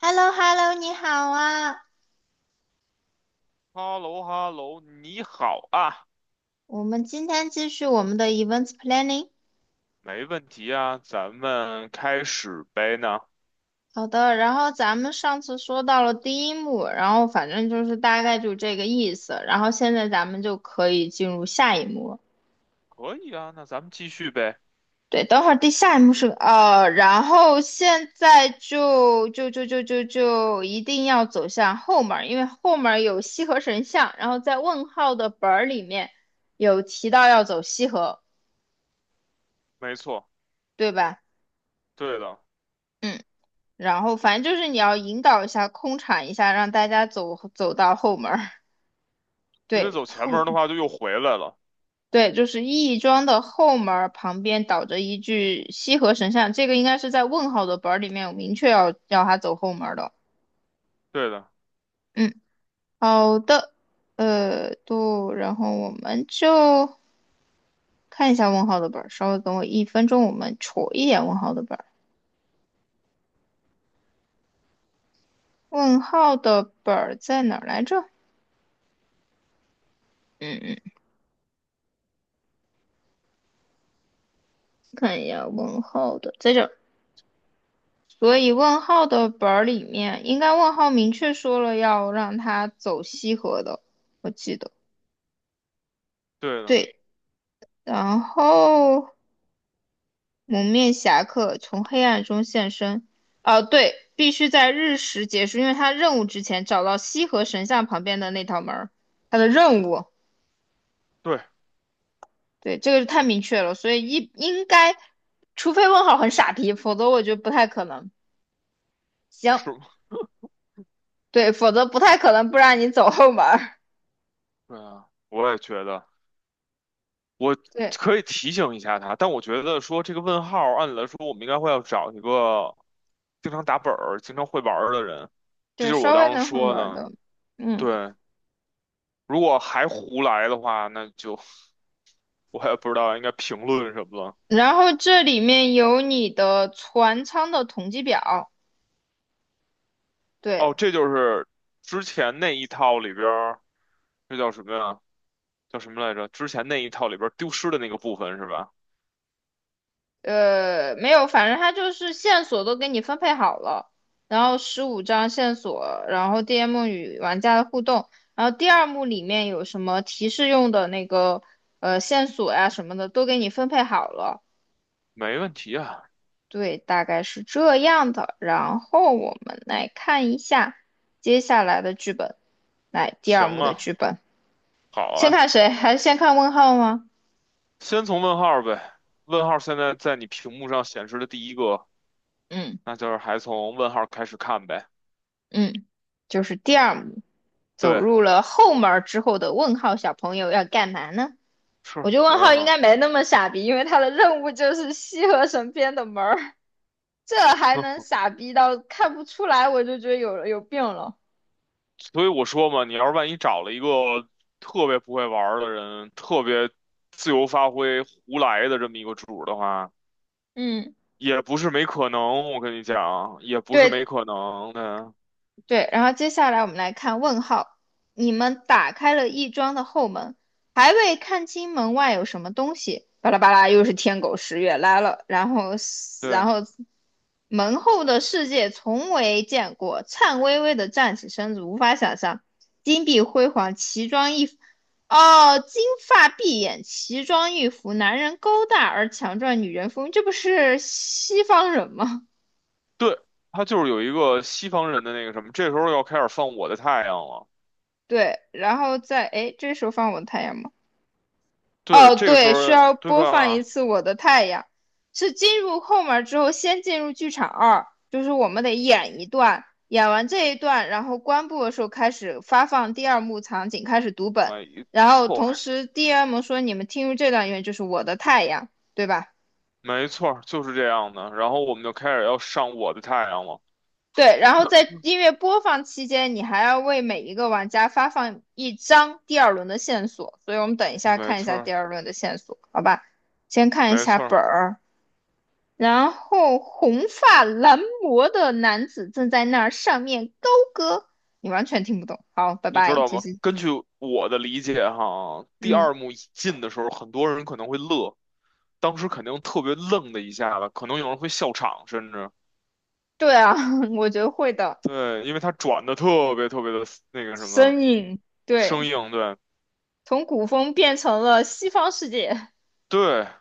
h e l l o h e l l o 你好啊！哈喽哈喽，你好啊。我们今天继续我们的 Events Planning。没问题啊，咱们开始呗呢？好的，然后咱们上次说到了第一幕，然后反正就是大概就这个意思。然后现在咱们就可以进入下一幕了。可以啊，那咱们继续呗。对，等会儿第下一幕是然后现在就一定要走向后门，因为后门有西河神像，然后在问号的本儿里面有提到要走西河，没错，对吧？对的，嗯。然后反正就是你要引导一下，空场一下，让大家走到后门儿。因为对，走前门后，儿的话就又回来了。对，就是义庄的后门儿旁边倒着一具西河神像，这个应该是在问号的本儿里面有明确要他走后门儿的。对的，嗯，好的，对，然后我们就看一下问号的本儿，稍微等我一分钟，我们瞅一眼问号的本儿。问号的本儿在哪儿来着？嗯嗯，看一下问号的，在这所以问号的本儿里面，应该问号明确说了要让他走西河的，我记得。对的，对，然后蒙面侠客从黑暗中现身，哦，对，必须在日食结束，因为他任务之前找到西河神像旁边的那道门儿，他的任务。对，对，这个是太明确了，所以一应该，除非问号很傻逼，否则我觉得不太可能。是，行，对，否则不太可能不让你走后门儿。对啊，我也觉得。我对。可以提醒一下他，但我觉得说这个问号，按理来说我们应该会要找一个经常打本儿经常会玩儿的人，这对，就是我稍微当时能会说玩的。的，嗯，对，如果还胡来的话，那就我也不知道应该评论什么了。然后这里面有你的船舱的统计表，哦，对，这就是之前那一套里边儿，这叫什么呀？叫什么来着？之前那一套里边儿丢失的那个部分是吧？没有，反正它就是线索都给你分配好了，然后15张线索，然后 DM 与玩家的互动，然后第二幕里面有什么提示用的那个线索呀、什么的都给你分配好了，没问题啊，对，大概是这样的，然后我们来看一下接下来的剧本，来第二行幕的啊，剧本。好先啊，看谁？还是先看问号吗？先从问号儿呗。问号儿现在在你屏幕上显示的第一个，嗯那就是还从问号儿开始看呗。嗯，就是第二幕，走对，入了后门儿之后的问号小朋友要干嘛呢？我是，觉得问我也号应很，该没那么傻逼，因为他的任务就是西河神边的门儿，这还能哼。傻逼到看不出来，我就觉得有病了。所以我说嘛，你要是万一找了一个特别不会玩儿的人，特别自由发挥、胡来的这么一个主儿的话。嗯，也不是没可能，我跟你讲，也不是没对，可能的。对，然后接下来我们来看问号。你们打开了亦庄的后门，还未看清门外有什么东西，巴拉巴拉又是天狗食月来了。然后，对然后门后的世界从未见过，颤巍巍的站起身子，无法想象。金碧辉煌，奇装异服。哦，金发碧眼，奇装异服，男人高大而强壮，女人风韵这不是西方人吗？对，他就是有一个西方人的那个什么，这时候要开始放我的太阳了。对，然后在，哎，这时候放我太阳吗？对，哦，这个时对，需候要对播放一吧？次《我的太阳》，是进入后门之后，先进入剧场二，就是我们得演一段，演完这一段，然后关部的时候开始发放第二幕场景，开始读本，没然后错同儿。时 DM 说你们听入这段音乐就是《我的太阳》，对吧？没错儿就是这样的。然后我们就开始要上我的太阳了。对，然后在音乐播放期间，你还要为每一个玩家发放一张第二轮的线索，所以我们等一下没看一错下儿。第二轮的线索，好吧？先看一没下错儿。本儿。然后红发蓝魔的男子正在那儿上面高歌，你完全听不懂。好，拜你知拜，道其吗？实，根据我的理解哈，第嗯，二幕一进的时候，很多人可能会乐，当时肯定特别愣的一下子，可能有人会笑场，甚至。对啊，我觉得会的。对，因为它转的特别特别的那个什么身影，生对，硬，对。从古风变成了西方世界，对。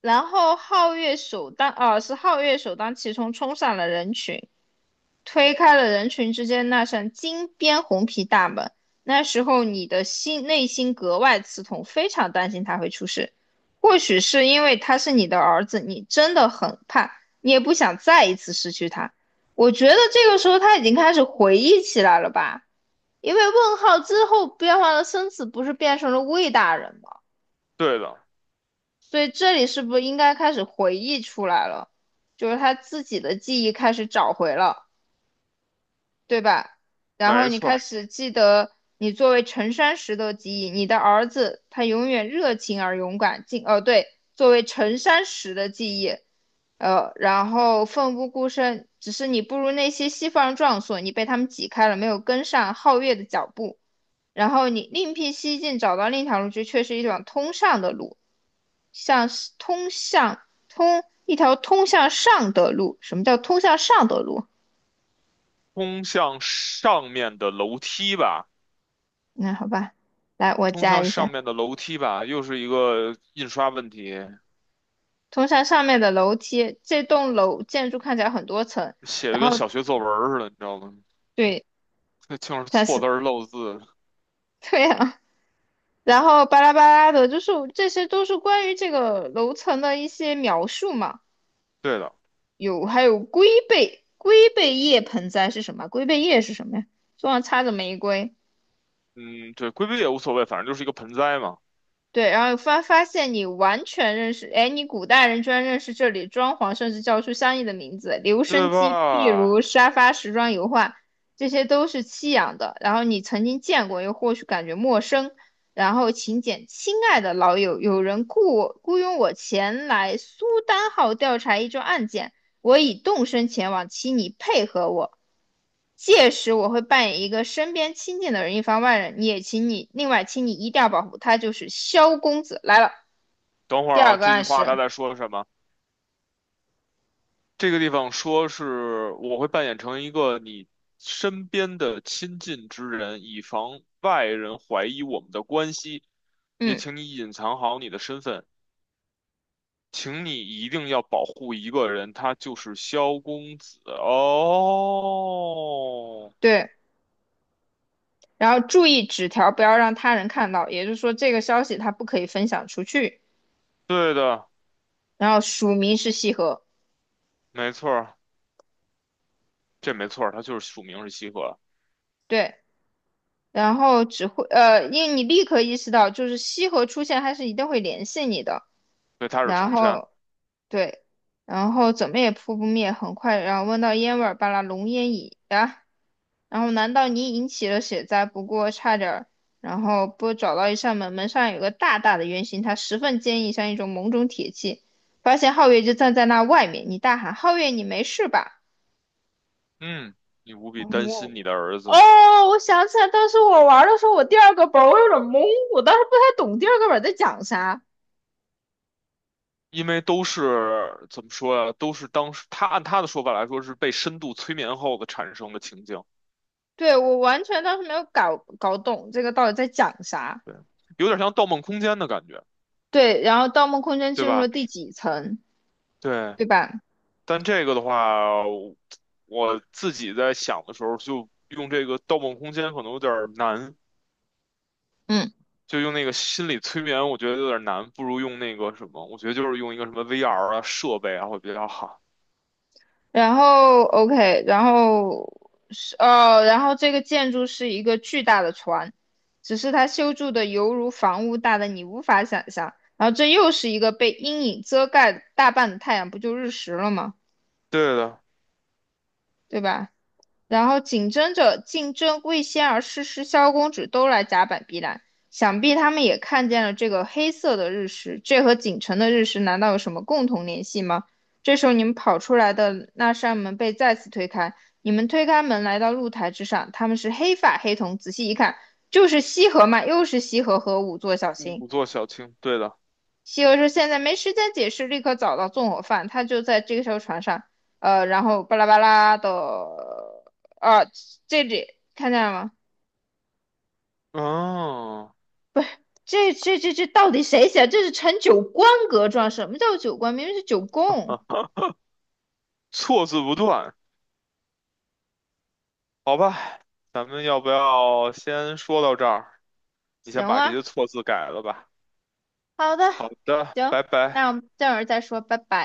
然后皓月首当，啊，是皓月首当其冲冲上了人群。推开了人群之间那扇金边红皮大门。那时候你的心内心格外刺痛，非常担心他会出事。或许是因为他是你的儿子，你真的很怕，你也不想再一次失去他。我觉得这个时候他已经开始回忆起来了吧？因为问号之后变换了生词，不是变成了魏大人吗？对的，所以这里是不是应该开始回忆出来了？就是他自己的记忆开始找回了。对吧？然后没你错儿。开始记得你作为陈山石的记忆，你的儿子他永远热情而勇敢，哦对，作为陈山石的记忆，然后奋不顾身，只是你不如那些西方人壮硕，你被他们挤开了，没有跟上皓月的脚步，然后你另辟蹊径，找到另一条路去，这却是一条通上的路，像是通一条通向上的路。什么叫通向上的路？通向上面的楼梯吧。那好吧，来我通加向一上下。面的楼梯吧，又是一个印刷问题，通向上面的楼梯。这栋楼建筑看起来很多层，写的跟然后小学作文儿似的，你知道吗？对，那就是它错是 字儿漏字。对啊，然后巴拉巴拉的，就是这些都是关于这个楼层的一些描述嘛。对的。还有龟背，龟背叶盆栽是什么？龟背叶是什么呀？桌上插着玫瑰。嗯，对，规避也无所谓，反正就是一个盆栽嘛，对，然后发现你完全认识，哎，你古代人居然认识这里装潢，甚至叫出相应的名字，留对声机、壁吧？炉、沙发、时装、油画，这些都是西洋的。然后你曾经见过，又或许感觉陌生。然后请柬，亲爱的老友，有人雇佣我前来苏丹号调查一桩案件，我已动身前往，请你配合我。届时我会扮演一个身边亲近的人，以防外人。你也请你，另外请你一定要保护他，就是萧公子来了。等会儿第啊，二个这句暗话他示，在说什么？这个地方说是我会扮演成一个你身边的亲近之人，以防外人怀疑我们的关系，也嗯，请你隐藏好你的身份，请你一定要保护一个人，他就是萧公子。哦，对。然后注意纸条不要让他人看到，也就是说这个消息他不可以分享出去。对的，然后署名是西河，没错儿。这没错儿，他就是署名是西河，对。然后只会因为你立刻意识到，就是西河出现，他是一定会联系你的。对，他是然程山。后对，然后怎么也扑不灭，很快，然后闻到烟味儿，把那浓烟已啊，然后难道你引起了血灾？不过差点儿，然后不找到一扇门，门上有个大大的圆形，它十分坚硬，像一种某种铁器。发现皓月就站在那外面，你大喊：“皓月，你没事吧？”嗯，你无比担我心你的儿子。哦，我想起来，当时我玩的时候，我第二个本儿我有点懵，我当时不太懂第二个本儿在讲啥。因为都是怎么说呀、都是当时他按他的说法来说是被深度催眠后的产生的情境，对，我完全当时没有搞懂这个到底在讲啥。对，有点像《盗梦空间》的感觉，对，然后《盗梦空间》对进入吧？了第几层，对，对吧？但这个的话，我自己在想的时候，就用这个《盗梦空间》可能有点儿难，嗯，就用那个心理催眠，我觉得有点儿难，不如用那个什么，我觉得就是用一个什么 VR 啊设备啊会比较好。然后 OK，然后是哦，然后这个建筑是一个巨大的船，只是它修筑的犹如房屋大的你无法想象。然后这又是一个被阴影遮盖大半的太阳，不就日食了吗？对的，对吧？然后竞争魏仙儿、诗诗、萧公子都来甲板避难，想必他们也看见了这个黑色的日食，这和锦城的日食难道有什么共同联系吗？这时候你们跑出来的那扇门被再次推开，你们推开门来到露台之上，他们是黑发黑瞳，仔细一看就是西河嘛，又是西河和仵作小新。五座小青，对的。西游说：“现在没时间解释，立刻找到纵火犯，他就在这艘船上，然后巴拉巴拉的，啊，这里看见了吗？嗯，这到底谁写？这是陈九官格状？什么叫九官？明明是九宫。错字不断。好吧，咱们要不要先说到这儿？你先行把这些啊，错字改了吧。好的，好的，行，拜拜。那我们待会儿再说，拜拜。